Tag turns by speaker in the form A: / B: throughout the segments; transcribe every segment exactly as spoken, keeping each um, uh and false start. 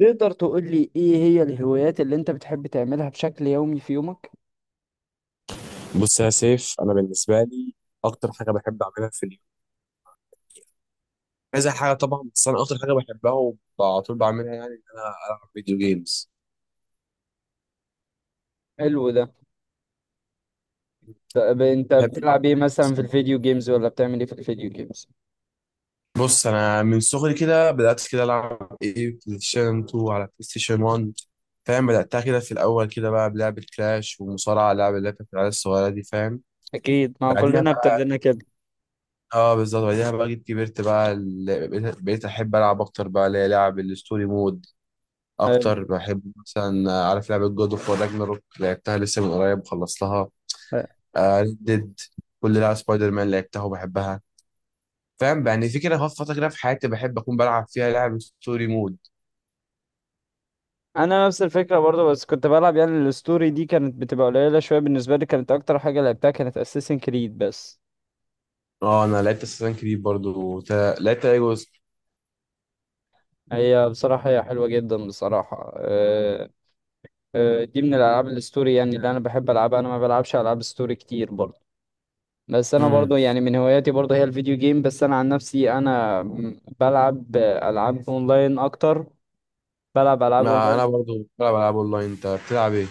A: تقدر تقول لي ايه هي الهوايات اللي انت بتحب تعملها بشكل يومي في يومك؟
B: بص يا سيف، انا بالنسبه لي اكتر حاجه بحب اعملها في اليوم كذا حاجه طبعا. بس انا اكتر حاجه بحبها وعلى طول بعملها يعني ان انا العب فيديو جيمز.
A: حلو ده. طب انت
B: بحب العب
A: بتلعب
B: فيديو
A: ايه مثلا في
B: جيمز.
A: الفيديو جيمز ولا بتعمل ايه في الفيديو جيمز؟
B: بص انا من صغري كده بدات كده العب ايه، بلاي ستيشن اتنين على بلاي ستيشن واحد. فاهم، بداتها كده في الاول كده بقى بلعبه كلاش ومصارعه، لعبه اللي هي بتاعت العيال الصغيره دي. فاهم.
A: اكيد، ما هو
B: بعديها
A: كلنا
B: بقى،
A: ابتدينا كده.
B: اه بالظبط، بعديها بقى جيت كبرت بقى ال- بقيت بقيت احب العب اكتر بقى اللي هي لعب الستوري مود.
A: حلو.
B: اكتر بحب مثلا آه، عارف لعبه جود اوف وور راجناروك، لعبتها لسه من قريب، خلصتها. ريد ديد، كل لعبه سبايدر مان لعبتها وبحبها. فاهم، يعني في كده خلاص فتره كده في حياتي بحب اكون بلعب فيها لعب ستوري مود.
A: انا نفس الفكره برضه، بس كنت بلعب يعني الستوري دي كانت بتبقى قليله شويه بالنسبه لي، كانت اكتر حاجه لعبتها كانت اساسن كريد بس.
B: اه انا لعبت اساسن كريد برضو. تا- لعبت اي جزء؟
A: هي بصراحه هي حلوه جدا بصراحه، أه أه دي من الالعاب الستوري يعني اللي انا بحب العبها. انا ما بلعبش العاب ستوري كتير برضه، بس انا
B: امم
A: برضو يعني من هواياتي برضو هي الفيديو جيم. بس انا عن نفسي انا م- بلعب العاب اونلاين اكتر. بلعب العاب
B: ما انا
A: اونلاين
B: برضو بلعب العاب اونلاين انت بتلعب ايه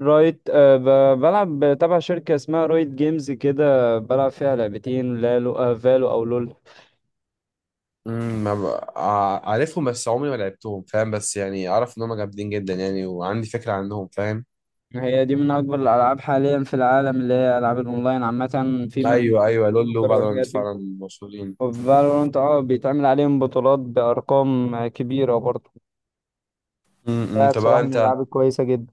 A: رايت، آه، ب- بلعب تبع شركة اسمها رايت جيمز كده، بلعب فيها لعبتين لالو، آه، فالو او لول.
B: امم ما ب... ع- عارفهم بس عمري ما لعبتهم، فاهم، بس يعني اعرف ان هم جامدين جدا يعني، وعندي فكره عنهم، فاهم.
A: هي دي من اكبر الالعاب حاليا في العالم، اللي هي العاب الاونلاين عامة، في منهم
B: ايوه ايوه، لولو
A: كمبيوتر
B: وفالورانت
A: والحاجات دي.
B: فعلا مشهورين.
A: وفالورانت، اه، بيتعمل عليهم بطولات بارقام كبيرة برضو.
B: امم
A: ده
B: طب بقى
A: بصراحة من
B: انت
A: الالعاب الكويسة جدا.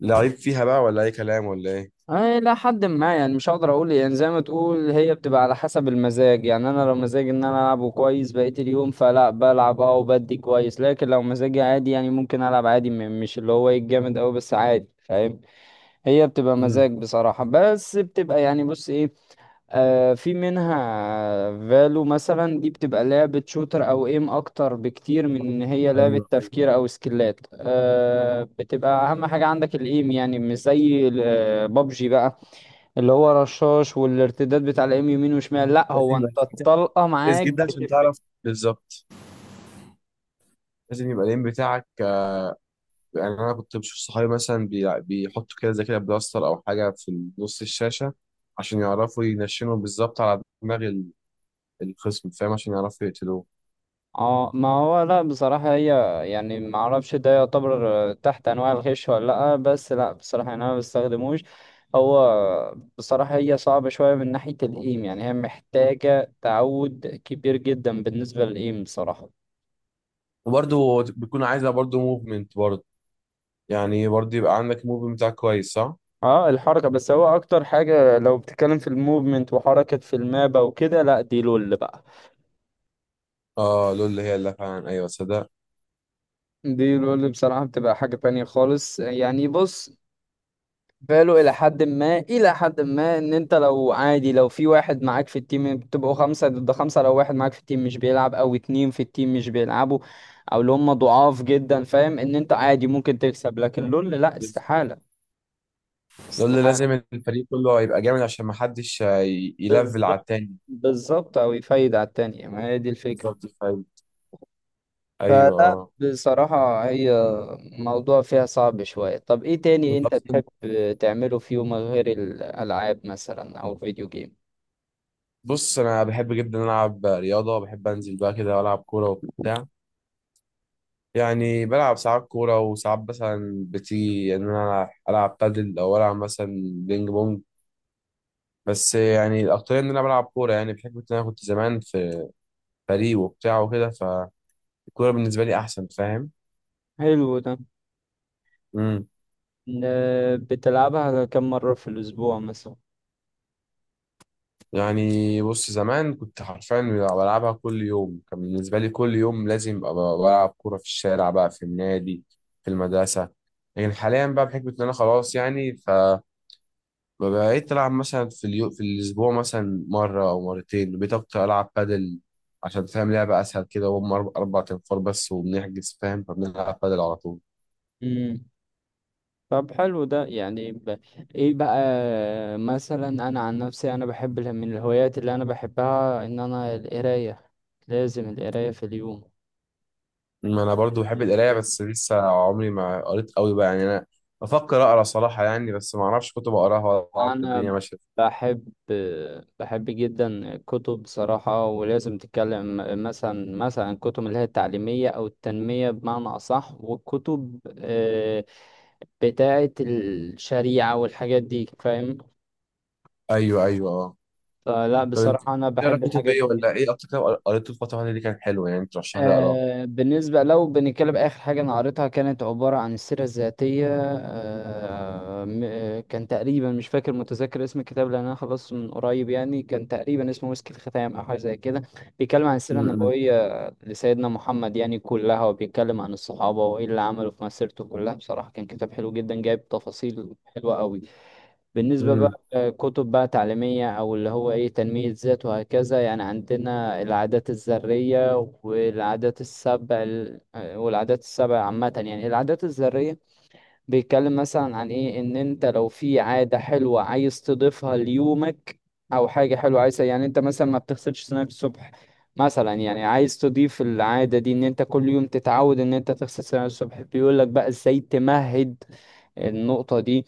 B: لعيب فيها بقى ولا اي كلام ولا ايه؟
A: أي لا، حد ما يعني مش هقدر اقول، يعني زي ما تقول هي بتبقى على حسب المزاج. يعني انا لو مزاجي ان انا العبه كويس بقية اليوم فلا بلعب اه، وبدي كويس. لكن لو مزاجي عادي يعني ممكن العب عادي، م- مش اللي هو ايه الجامد اوي، بس عادي، فاهم؟ هي بتبقى
B: امم،
A: مزاج بصراحة، بس بتبقى يعني بص ايه، آه في منها. فالو مثلا دي بتبقى لعبة شوتر او ايم اكتر بكتير من ان هي لعبة
B: ايوه ايوه،
A: تفكير او سكيلات، آه، بتبقى اهم حاجة عندك الايم، يعني مش زي بابجي بقى اللي هو رشاش والارتداد بتاع الام يمين وشمال. لا،
B: لازم
A: هو
B: يبقى
A: انت
B: التيم بتاعك
A: الطلقه
B: كويس
A: معاك
B: جدا عشان
A: بتفرق.
B: تعرف بالظبط. لازم يبقى الام بتاعك آه، يعني انا كنت بشوف صحابي مثلا بي- بيحطوا كده زي كده بلاستر او حاجه في نص الشاشه، عشان يعرفوا ينشنوا بالظبط على دماغ ال- الخصم، فاهم، عشان يعرفوا يقتلوه.
A: اه، ما هو لا بصراحه هي، يعني ما اعرفش ده يعتبر آه، تحت انواع الغش ولا لا، بس لا بصراحه يعني انا ما بستخدموش. هو بصراحه هي صعبه شويه من ناحيه الايم، يعني هي محتاجه تعود كبير جدا بالنسبه للايم بصراحه.
B: وبرده بيكون عايزه برده موفمنت برده، يعني برده يبقى عندك موفمنت بتاعك كويس، صح.
A: اه الحركة، بس هو اكتر حاجة لو بتتكلم في الموفمنت وحركة في المابة وكده، لا دي لول بقى.
B: اه، لول هي اللي فعلا، ايوه صدق.
A: دي لول بصراحة بتبقى حاجة تانية خالص. يعني بص، فالو إلى حد ما إلى حد ما إن أنت لو عادي، لو في واحد معاك في التيم بتبقوا خمسة ضد خمسة، لو واحد معاك في التيم مش بيلعب أو اتنين في التيم مش بيلعبوا أو اللي هم ضعاف جدا، فاهم إن أنت عادي ممكن تكسب. لكن لول لأ، استحالة،
B: لول
A: استحالة.
B: لازم الفريق كله يبقى جامد عشان ما حدش آه، ي- يلفل على
A: بالظبط.
B: التاني.
A: بالظبط، أو يفايد على التانية، ما هي دي الفكرة.
B: بالظبط، فاهم، ايوه
A: فلا
B: اه.
A: بصراحة هي موضوع فيها صعب شوية. طب ايه تاني
B: وانت
A: انت
B: اصلا،
A: تحب تعمله في يومك غير الألعاب مثلا أو الفيديو جيم؟
B: بص انا بحب جدا العب رياضه، بحب انزل بقى كده والعب كوره وبتاع. يعني بلعب ساعات كوره وساعات مثلا بتيجي ان انا العب بادل او العب مثلا بينج بونج. بس يعني الاكتريه ان انا بلعب كوره، يعني بحكم ان انا كنت زمان في فريق وبتاع وكده، فالكوره بالنسبه لي احسن، فاهم.
A: حلو ده. ن- بتلعبها كم مرة في الأسبوع مثلا؟
B: يعني بص، زمان كنت حرفيا بلعبها كل يوم، كان بالنسبة لي كل يوم لازم أبقى بلعب كورة في الشارع، بقى في النادي، في المدرسة. لكن حاليا بقى بحكم إن أنا خلاص يعني، فبقيت ألعب مثلا في اليو... في الأسبوع مثلا مرة أو مرتين، بقيت أكتر ألعب بادل عشان فاهم لعبة أسهل كده، وهم أربع أربع تنفار بس وبنحجز، فاهم، فبنلعب بادل على طول.
A: مم. طب حلو ده، يعني ب... ايه بقى، مثلا انا عن نفسي انا بحب ال- من الهوايات اللي انا بحبها ان انا القراية. لازم القراية في اليوم
B: ما أنا برضو بحب
A: بالنسبة
B: القراية،
A: لي.
B: بس لسه عمري ما قريت قوي بقى يعني. أنا بفكر أقرأ صراحة يعني، بس ما أعرفش كتب أقراها ولا أعرف
A: انا
B: الدنيا ماشية.
A: بحب، بحب جدا الكتب بصراحة، ولازم تتكلم مثلا مثلا الكتب اللي هي التعليمية او التنمية بمعنى اصح، والكتب آه، بتاعة الشريعة والحاجات دي، فاهم؟
B: ايوه ايوه اه.
A: فلا
B: طب انت
A: بصراحة انا
B: بتقرا
A: بحب
B: كتب
A: الحاجات
B: ايه،
A: دي
B: ولا
A: جدا.
B: ايه اكتر كتاب قريته الفتره اللي دي كان حلو يعني ترشح لي اقراه؟
A: آه، بالنسبة لو بنتكلم آخر حاجة أنا قريتها، كانت عبارة عن السيرة الذاتية، آه م- آه، كان تقريبا مش فاكر متذكر اسم الكتاب لأن أنا خلصته من قريب، يعني كان تقريبا اسمه مسك الختام أو حاجة زي كده. بيتكلم عن السيرة
B: امم.
A: النبوية لسيدنا محمد يعني كلها، وبيتكلم عن الصحابة وإيه اللي عملوا في مسيرته كلها. بصراحة كان كتاب حلو جدا، جايب تفاصيل حلوة أوي. بالنسبة
B: امم،
A: بقى آه، كتب بقى تعليمية أو اللي هو إيه تنمية ذات وهكذا، يعني عندنا العادات الذرية والعادات السبع ال- آه، والعادات السبع عامة، يعني العادات الذرية بيتكلم مثلا عن إيه إن أنت لو في عادة حلوة عايز تضيفها ليومك، أو حاجة حلوة عايز، يعني أنت مثلا ما بتغسلش سنانك الصبح مثلا، يعني عايز تضيف العادة دي إن أنت كل يوم تتعود إن أنت تغسل سنانك الصبح، بيقول لك بقى إزاي تمهد النقطة دي.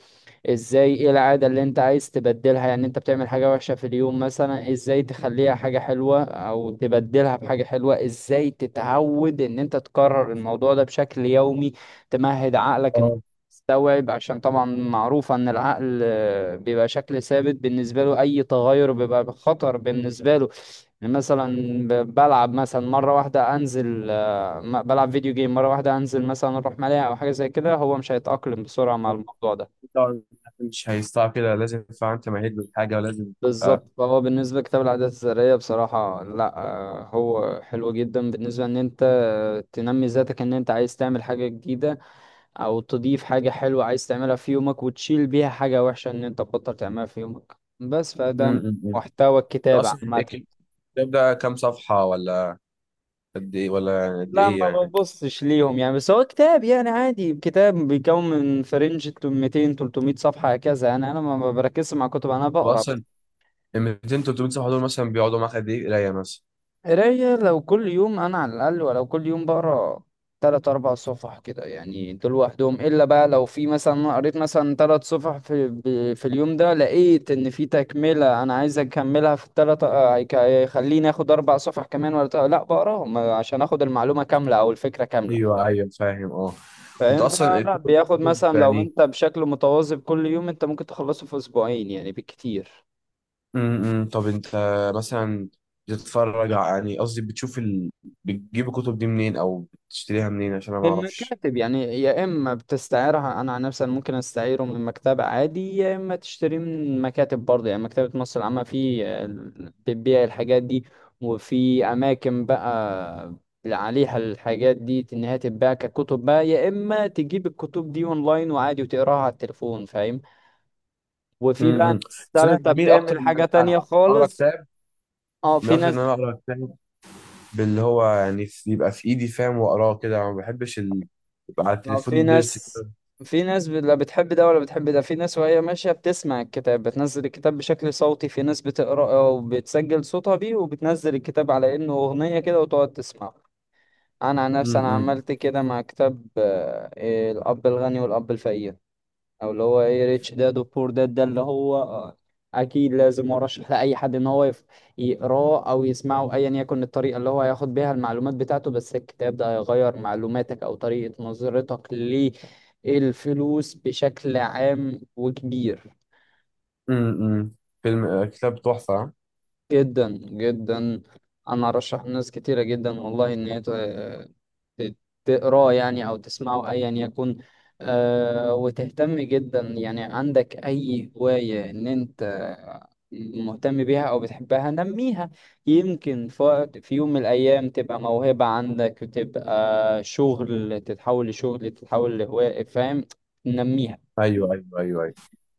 A: ازاي ايه العادة اللي انت عايز تبدلها، يعني انت بتعمل حاجة وحشة في اليوم مثلا، ازاي تخليها حاجة حلوة او تبدلها بحاجة حلوة، ازاي تتعود ان انت تكرر الموضوع ده بشكل يومي، تمهد عقلك ان
B: اه،
A: يستوعب، عشان طبعا معروفة ان العقل آه، بيبقى شكل ثابت بالنسبة له، اي تغير بيبقى خطر بالنسبة له. يعني مثلا ب- بلعب مثلا مرة واحدة انزل، آه، م- بلعب فيديو جيم مرة واحدة انزل مثلا اروح ملاهي او حاجة زي كده، هو مش هيتأقلم بسرعة مع الموضوع ده.
B: طبعاً مش هيستوعب كده، لازم فعلا انت مهيد بالحاجه ولازم تبقى.
A: بالظبط. فهو بالنسبة لكتاب العادات الذرية بصراحة لا، آه، هو حلو جدا بالنسبة ان انت آه، تنمي ذاتك، ان انت عايز تعمل حاجة جديدة او تضيف حاجة حلوة عايز تعملها في يومك وتشيل بيها حاجة وحشة ان انت تبطل تعملها في يومك بس. فده
B: امم
A: محتوى الكتاب
B: اصلا
A: عامة.
B: الكتاب ده كام صفحه، ولا قد ايه، ولا يعني قد
A: لا
B: ايه
A: ما
B: يعني؟
A: ببصش ليهم يعني، بس هو كتاب يعني عادي، كتاب بيكون من فرنج مئتين تلت مية صفحة هكذا، يعني انا ما ما بركزش مع كتب انا بقرا.
B: واصلا ال ميتين ثلاث مئة صفحه دول مثلا بيقعدوا معاك قد ايه قرايه مثلا؟
A: قراية لو كل يوم، أنا على الأقل ولو كل يوم بقرا تلات أربع صفح كده يعني، دول لوحدهم. إلا بقى لو في مثلا أنا قريت مثلا تلات صفح في ب- في اليوم ده، لقيت إن في تكملة أنا عايز أكملها في التلات، آه، هيك- هيخليني آخد أربع صفح كمان ولا تلات- لأ بقراهم عشان آخد المعلومة كاملة أو الفكرة كاملة،
B: ايوه ايوه فاهم اه. انت
A: فاهم؟
B: اصلا
A: فلا
B: الكتب
A: بياخد
B: كتب
A: مثلا لو
B: يعني،
A: أنت بشكل متواظب كل يوم، أنت ممكن تخلصه في أسبوعين يعني بالكتير.
B: امم طب انت مثلا بتتفرج ع- يعني قصدي بتشوف ال... بتجيب الكتب دي منين او بتشتريها منين، عشان انا ما
A: من
B: اعرفش؟
A: مكاتب يعني، يا اما بتستعيرها، انا عن نفسي أنا ممكن استعيره من مكتبة عادي، يا اما تشتريه من مكاتب برضه، يعني مكتبة مصر العامة في ال- بتبيع الحاجات دي، وفي اماكن بقى عليها الحاجات دي ان هي تتباع ككتب بقى، يا اما تجيب الكتب دي اونلاين وعادي وتقراها على التليفون، فاهم؟ وفي بقى
B: امم
A: ناس
B: بس انا
A: تالتة
B: بميل اكتر
A: بتعمل
B: ان
A: حاجة تانية
B: انا اقرا
A: خالص.
B: كتاب
A: اه
B: بميل
A: في
B: اكتر ان
A: ناس.
B: انا اقرا كتاب، باللي هو يعني في- يبقى في ايدي، فاهم، واقراه كده. ما بحبش ال... يبقى على
A: ما هو في
B: التليفون
A: ناس،
B: ديجيتال.
A: في ناس ب- لا بتحب ده ولا بتحب ده. في ناس وهي ماشية بتسمع الكتاب، بتنزل الكتاب بشكل صوتي، في ناس بتقرأ وبتسجل صوتها بيه وبتنزل الكتاب على إنه أغنية كده وتقعد تسمعه. أنا عن نفسي أنا
B: امم.
A: عملت كده مع كتاب آه، إيه، الأب الغني والأب الفقير، او اللي هو ايه ريتش داد وبور داد، ده اللي هو آه، اكيد لازم ارشح لاي حد ان هو يف- يقراه او يسمعه ايا يكن الطريقه اللي هو هياخد بيها المعلومات بتاعته. بس الكتاب ده هيغير معلوماتك او طريقه نظرتك للفلوس بشكل عام وكبير
B: امم فيلم، آه، كتاب تحفه، ها؟
A: جدا جدا. انا ارشح ناس كتيره جدا والله ان هي تقراه يعني أو تسمعه أيا يكن. آه، وتهتم جدا، يعني عندك أي هواية إن أنت مهتم بيها أو بتحبها، نميها. يمكن ف- في يوم من الأيام تبقى موهبة عندك وتبقى شغل، تتحول لشغل تتحول لهواية، فاهم؟ نميها.
B: ايوه ايوه ايوه ايوه.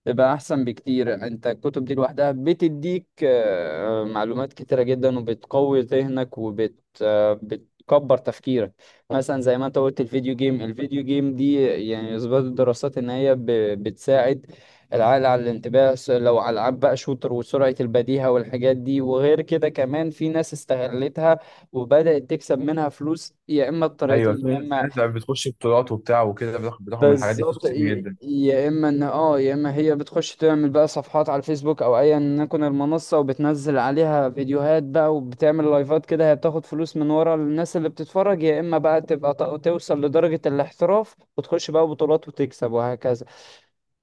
A: بيبقى احسن بكتير. انت الكتب دي لوحدها بتديك آه، معلومات كتيرة جدا، وبتقوي ذهنك وبت آه، بتكبر تفكيرك. مثلا زي ما انت قلت الفيديو جيم، الفيديو جيم دي يعني اثبت الدراسات ان هي ب- بتساعد العقل على الانتباه، س- لو على العاب بقى شوتر وسرعة البديهة والحاجات دي. وغير كده كمان في ناس استغلتها وبدأت تكسب منها فلوس، يا اما
B: ايوه، في
A: بطريقتين، يا
B: في
A: اما
B: ناس بتخش بطولات وبتاع وكده، بتاخد بتاخد من الحاجات دي فلوس
A: بالظبط،
B: كتير
A: ي-
B: جدا.
A: يا اما ان اه، يا اما هي بتخش تعمل بقى صفحات على الفيسبوك او ايا يكن المنصه، وبتنزل عليها فيديوهات بقى وبتعمل لايفات كده، هي بتاخد فلوس من ورا الناس اللي بتتفرج. يا اما بقى تبقى ت- توصل لدرجه الاحتراف وتخش بقى بطولات وتكسب وهكذا.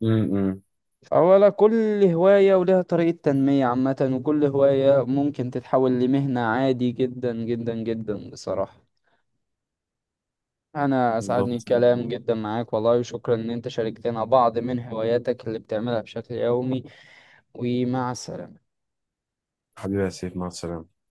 B: امم.
A: اولا كل هوايه ولها طريقه تنميه عامه، وكل هوايه ممكن تتحول لمهنه عادي جدا جدا جدا بصراحه. أنا أسعدني
B: بالظبط.
A: الكلام جدا معاك والله، وشكرا إن أنت شاركتنا بعض من هواياتك اللي بتعملها بشكل يومي. ومع السلامة.
B: حبيبي يا سيف، مع السلامة.